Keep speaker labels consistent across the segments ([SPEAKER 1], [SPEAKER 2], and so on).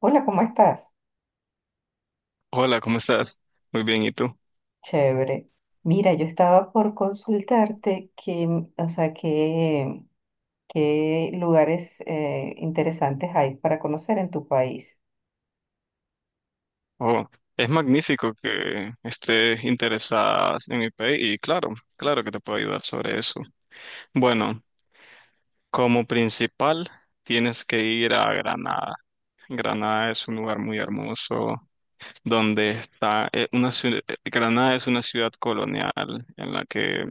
[SPEAKER 1] Hola, ¿cómo estás?
[SPEAKER 2] Hola, ¿cómo estás? Muy bien, ¿y tú?
[SPEAKER 1] Chévere. Mira, yo estaba por consultarte o sea, qué lugares interesantes hay para conocer en tu país.
[SPEAKER 2] Oh, es magnífico que estés interesada en mi país y claro, claro que te puedo ayudar sobre eso. Bueno, como principal tienes que ir a Granada. Granada es un lugar muy hermoso donde está una Granada es una ciudad colonial en la que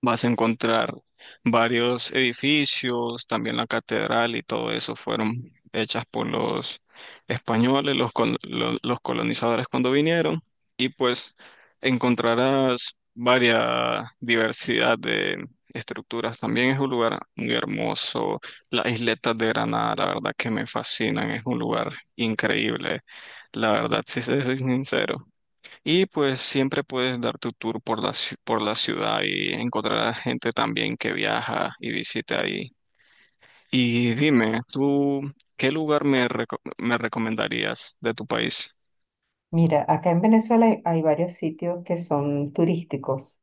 [SPEAKER 2] vas a encontrar varios edificios, también la catedral y todo eso fueron hechas por los españoles, los colonizadores cuando vinieron. Y pues encontrarás varias diversidad de estructuras. También es un lugar muy hermoso. Las isletas de Granada, la verdad que me fascinan, es un lugar increíble. La verdad, si soy sincero. Y pues siempre puedes dar tu tour por por la ciudad y encontrar a gente también que viaja y visita ahí. Y dime, ¿tú qué lugar me recomendarías de tu país?
[SPEAKER 1] Mira, acá en Venezuela hay varios sitios que son turísticos,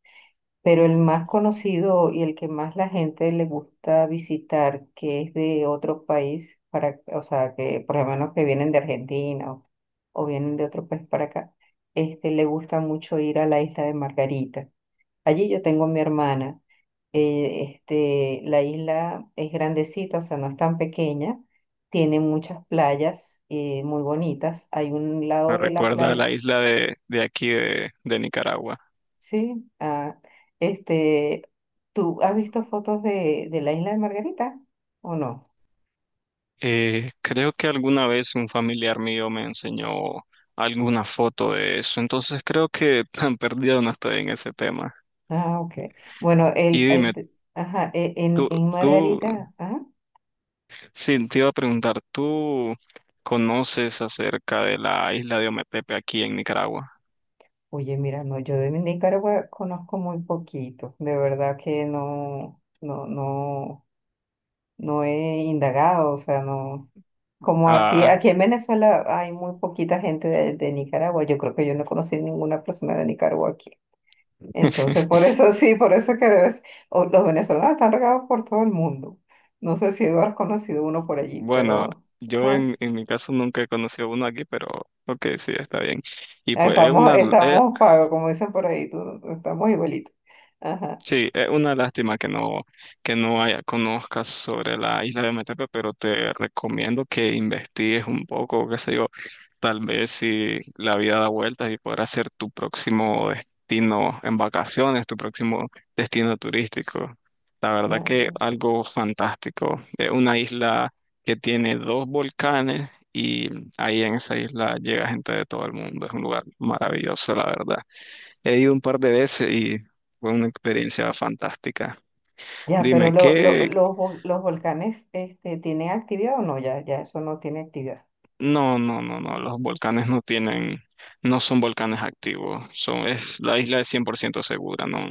[SPEAKER 1] pero el más conocido y el que más la gente le gusta visitar, que es de otro país, para, o sea, que por lo menos que vienen de Argentina o vienen de otro país para acá, este, le gusta mucho ir a la isla de Margarita. Allí yo tengo a mi hermana. Este, la isla es grandecita, o sea, no es tan pequeña. Tiene muchas playas muy bonitas. Hay un
[SPEAKER 2] Me
[SPEAKER 1] lado de la
[SPEAKER 2] recuerda a
[SPEAKER 1] playa,
[SPEAKER 2] la isla de aquí de Nicaragua.
[SPEAKER 1] sí. Este, ¿tú has visto fotos de la isla de Margarita o no?
[SPEAKER 2] Creo que alguna vez un familiar mío me enseñó alguna foto de eso, entonces creo que tan perdido no estoy en ese tema.
[SPEAKER 1] Ah, ok. Bueno,
[SPEAKER 2] Y dime,
[SPEAKER 1] este, ajá,
[SPEAKER 2] ¿tú,
[SPEAKER 1] en
[SPEAKER 2] tú
[SPEAKER 1] Margarita,
[SPEAKER 2] sí, te iba a preguntar, ¿tú conoces acerca de la isla de Ometepe aquí en Nicaragua?
[SPEAKER 1] oye, mira, no, yo de Nicaragua conozco muy poquito, de verdad que no. No he indagado, o sea, no. Como
[SPEAKER 2] Ah,
[SPEAKER 1] aquí en Venezuela hay muy poquita gente de Nicaragua, yo creo que yo no conocí ninguna persona de Nicaragua aquí. Entonces, por eso sí, por eso es que debes, o los venezolanos están regados por todo el mundo. No sé si tú has conocido uno por allí,
[SPEAKER 2] bueno,
[SPEAKER 1] pero
[SPEAKER 2] yo
[SPEAKER 1] ah,
[SPEAKER 2] en mi caso nunca he conocido uno aquí, pero ok, sí, está bien. Y pues es una,
[SPEAKER 1] estamos pagos, como dicen por ahí, estamos igualitos. Ajá.
[SPEAKER 2] sí, es una lástima que no haya, conozcas sobre la isla de Ometepe, pero te recomiendo que investigues un poco, qué sé yo, tal vez si la vida da vueltas y podrás ser tu próximo destino en vacaciones, tu próximo destino turístico. La verdad
[SPEAKER 1] Ah,
[SPEAKER 2] que
[SPEAKER 1] bueno.
[SPEAKER 2] algo fantástico. Es una isla que tiene dos volcanes y ahí en esa isla llega gente de todo el mundo. Es un lugar maravilloso, la verdad. He ido un par de veces y fue una experiencia fantástica.
[SPEAKER 1] Ya, pero
[SPEAKER 2] Dime,
[SPEAKER 1] los volcanes este, ¿tienen actividad o no? Ya, ya, eso no tiene actividad.
[SPEAKER 2] no, no, no, no, los volcanes no tienen, no son volcanes activos, la isla es 100% segura, no,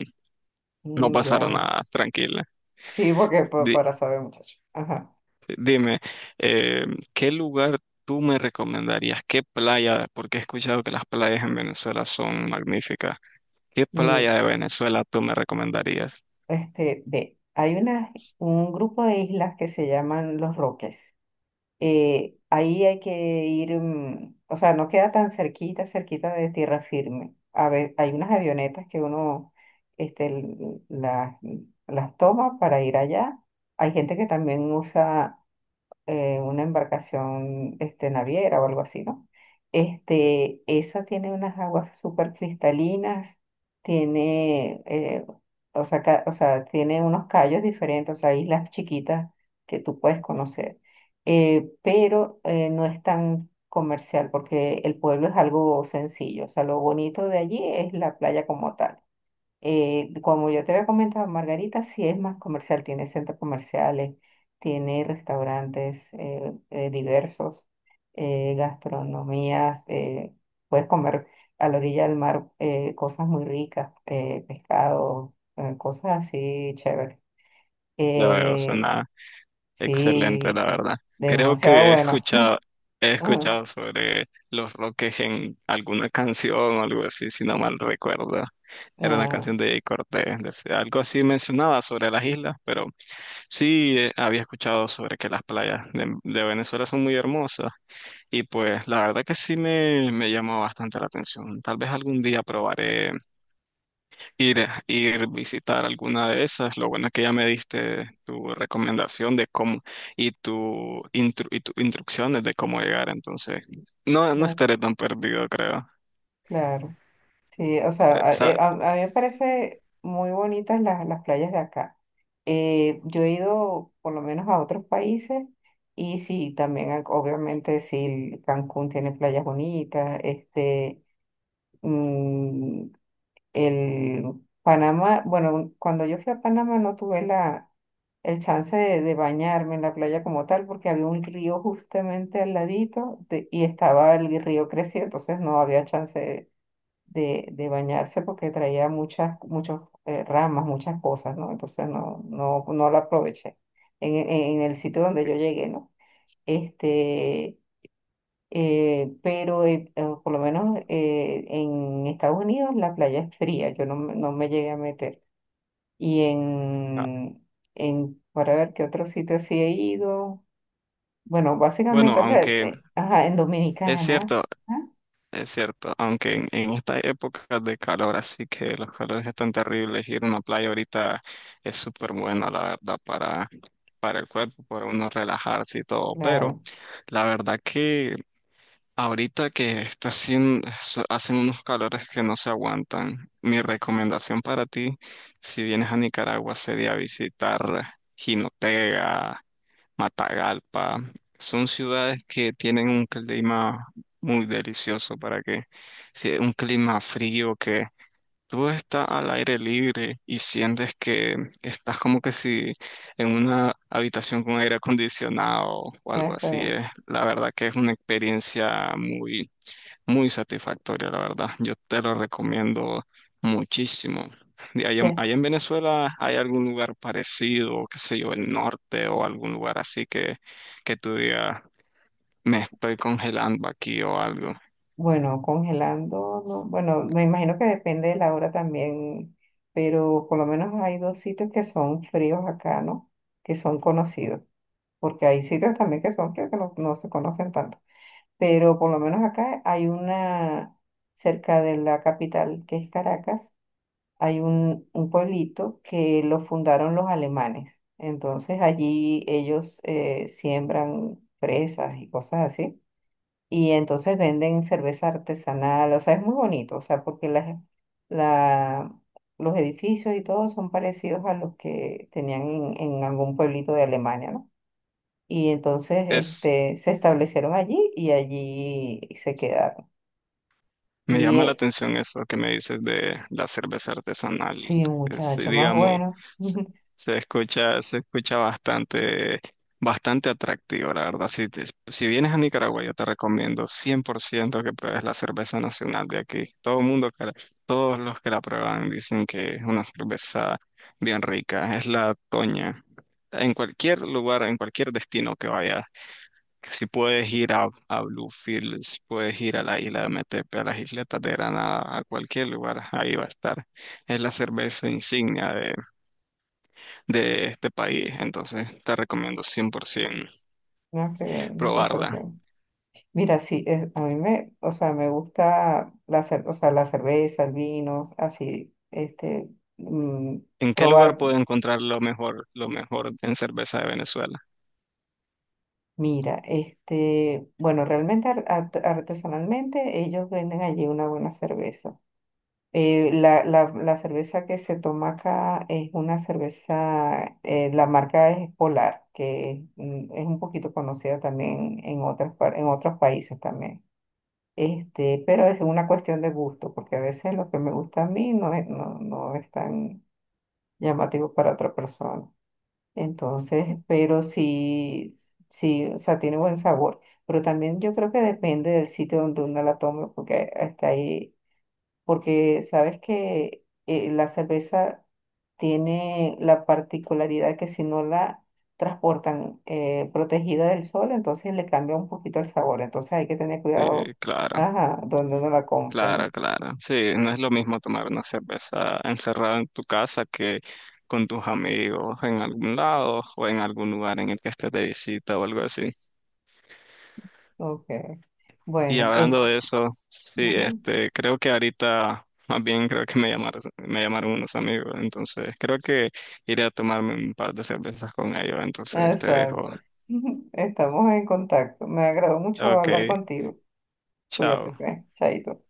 [SPEAKER 2] no
[SPEAKER 1] Mm,
[SPEAKER 2] pasará
[SPEAKER 1] ya.
[SPEAKER 2] nada, tranquila.
[SPEAKER 1] Sí, porque
[SPEAKER 2] Di-
[SPEAKER 1] para saber, muchacho. Ajá.
[SPEAKER 2] Dime, eh, ¿qué lugar tú me recomendarías? ¿Qué playa? Porque he escuchado que las playas en Venezuela son magníficas. ¿Qué
[SPEAKER 1] Mire,
[SPEAKER 2] playa de Venezuela tú me recomendarías?
[SPEAKER 1] este, ve, hay una, un grupo de islas que se llaman Los Roques. Ahí hay que ir, mm, o sea, no queda tan cerquita, cerquita de tierra firme. A ver, hay unas avionetas que este, las toma para ir allá. Hay gente que también usa una embarcación este, naviera o algo así, ¿no? Este, esa tiene unas aguas súper cristalinas, tiene, eh, o sea, o sea, tiene unos callos diferentes, o sea, islas chiquitas que tú puedes conocer. Pero no es tan comercial porque el pueblo es algo sencillo, o sea, lo bonito de allí es la playa como tal. Como yo te había comentado, Margarita sí es más comercial, tiene centros comerciales, tiene restaurantes diversos, gastronomías, puedes comer a la orilla del mar cosas muy ricas, pescado, cosas así chéveres.
[SPEAKER 2] Ya veo,
[SPEAKER 1] Eh,
[SPEAKER 2] suena excelente,
[SPEAKER 1] sí,
[SPEAKER 2] la verdad. Creo
[SPEAKER 1] demasiado
[SPEAKER 2] que
[SPEAKER 1] bueno.
[SPEAKER 2] he
[SPEAKER 1] Ajá,
[SPEAKER 2] escuchado sobre los Roques en alguna canción o algo así, si no mal recuerdo. Era una
[SPEAKER 1] ah,
[SPEAKER 2] canción de Cortés. Algo así mencionaba sobre las islas, pero sí había escuchado sobre que las playas de Venezuela son muy hermosas. Y pues la verdad que sí me llamó bastante la atención. Tal vez algún día probaré ir visitar alguna de esas. Lo bueno es que ya me diste tu recomendación de cómo y y tus instrucciones de cómo llegar. Entonces, no, no
[SPEAKER 1] claro,
[SPEAKER 2] estaré tan perdido, creo.
[SPEAKER 1] claro. Sí, o sea,
[SPEAKER 2] Eh, sa-
[SPEAKER 1] a mí me parece muy bonitas las playas de acá. Yo he ido por lo menos a otros países y sí, también obviamente sí, Cancún tiene playas bonitas, este, mm, el Panamá, bueno, cuando yo fui a Panamá no tuve el chance de bañarme en la playa como tal porque había un río justamente al ladito y estaba el río crecido, entonces no había chance de bañarse porque traía muchas ramas, muchas cosas, ¿no? Entonces no la aproveché en, en- en el sitio donde yo llegué, ¿no? Este, pero por lo menos en Estados Unidos la playa es fría, yo no, no me llegué a meter. Y
[SPEAKER 2] ah,
[SPEAKER 1] en, en, para ver qué otro sitio sí he ido. Bueno,
[SPEAKER 2] Bueno,
[SPEAKER 1] básicamente, o sea,
[SPEAKER 2] aunque
[SPEAKER 1] ajá, en
[SPEAKER 2] es
[SPEAKER 1] Dominicana,
[SPEAKER 2] cierto,
[SPEAKER 1] ¿ah?
[SPEAKER 2] es cierto, aunque en estas épocas de calor, así que los calores están terribles, ir a una playa ahorita es súper bueno, la verdad, para, el cuerpo, para uno relajarse y todo, pero
[SPEAKER 1] Claro,
[SPEAKER 2] la verdad que ahorita que está haciendo, hacen unos calores que no se aguantan, mi recomendación para ti, si vienes a Nicaragua, sería visitar Jinotega, Matagalpa. Son ciudades que tienen un clima muy delicioso para que, si un clima frío que tú estás al aire libre y sientes que estás como que si en una habitación con aire acondicionado o algo
[SPEAKER 1] ya
[SPEAKER 2] así,
[SPEAKER 1] fue.
[SPEAKER 2] la verdad que es una experiencia muy, muy satisfactoria, la verdad. Yo te lo recomiendo muchísimo. De allá, en allá en Venezuela hay algún lugar parecido, qué sé yo, el norte o algún lugar así que tú digas, me estoy congelando aquí o algo.
[SPEAKER 1] Bueno, congelando, no, bueno, me imagino que depende de la hora también, pero por lo menos hay dos sitios que son fríos acá, ¿no? Que son conocidos, porque hay sitios también que son fríos que no se conocen tanto, pero por lo menos acá hay una, cerca de la capital, que es Caracas, hay un pueblito que lo fundaron los alemanes, entonces allí ellos siembran fresas y cosas así. Y entonces venden cerveza artesanal, o sea, es muy bonito, o sea, porque la, los edificios y todo son parecidos a los que tenían en algún pueblito de Alemania, ¿no? Y entonces
[SPEAKER 2] Es,
[SPEAKER 1] este, se establecieron allí y allí se quedaron.
[SPEAKER 2] Me
[SPEAKER 1] Y
[SPEAKER 2] llama la atención eso que me dices de la cerveza artesanal.
[SPEAKER 1] sí, un
[SPEAKER 2] Sí,
[SPEAKER 1] muchacho más
[SPEAKER 2] digamos,
[SPEAKER 1] bueno.
[SPEAKER 2] se, se escucha bastante, bastante atractivo, la verdad. Si vienes a Nicaragua, yo te recomiendo 100% que pruebes la cerveza nacional de aquí. Todo el mundo, todos los que la prueban dicen que es una cerveza bien rica. Es la Toña. En cualquier lugar, en cualquier destino que vayas, si puedes ir a Bluefields, puedes ir a la isla de Metepe, a las isletas de Granada, a cualquier lugar, ahí va a estar. Es la cerveza insignia de este país, entonces te recomiendo 100%
[SPEAKER 1] No, qué bien, me
[SPEAKER 2] probarla.
[SPEAKER 1] parece. Mira, sí, a mí me, o sea, me gusta o sea, la cerveza, el vino, así, este, mm,
[SPEAKER 2] ¿En qué lugar
[SPEAKER 1] probar.
[SPEAKER 2] puedo encontrar lo mejor en cerveza de Venezuela?
[SPEAKER 1] Mira, este, bueno, realmente artesanalmente ellos venden allí una buena cerveza. La cerveza que se toma acá es una cerveza, la marca es Polar, que mm, es un poquito conocida también en en otros países también. Este, pero es una cuestión de gusto, porque a veces lo que me gusta a mí no es, no es tan llamativo para otra persona. Entonces, pero sí, sí, o sea, tiene buen sabor. Pero también yo creo que depende del sitio donde uno la tome, porque hasta ahí, porque sabes que la cerveza tiene la particularidad que si no la transportan protegida del sol, entonces le cambia un poquito el sabor. Entonces hay que tener
[SPEAKER 2] Sí,
[SPEAKER 1] cuidado,
[SPEAKER 2] claro.
[SPEAKER 1] ajá, donde uno la compra,
[SPEAKER 2] Claro,
[SPEAKER 1] ¿no?
[SPEAKER 2] claro. Sí, no es lo mismo tomar una cerveza encerrada en tu casa que con tus amigos en algún lado o en algún lugar en el que estés de visita o algo así.
[SPEAKER 1] Ok.
[SPEAKER 2] Y
[SPEAKER 1] Bueno,
[SPEAKER 2] hablando de eso, sí,
[SPEAKER 1] ajá.
[SPEAKER 2] este, creo que ahorita, más bien creo que me llamaron unos amigos, entonces creo que iré a tomarme un par de cervezas con ellos, entonces te dejo.
[SPEAKER 1] Exacto. Estamos en contacto. Me agradó mucho
[SPEAKER 2] Ok,
[SPEAKER 1] hablar contigo. Cuídate,
[SPEAKER 2] chao.
[SPEAKER 1] pues. Chaito.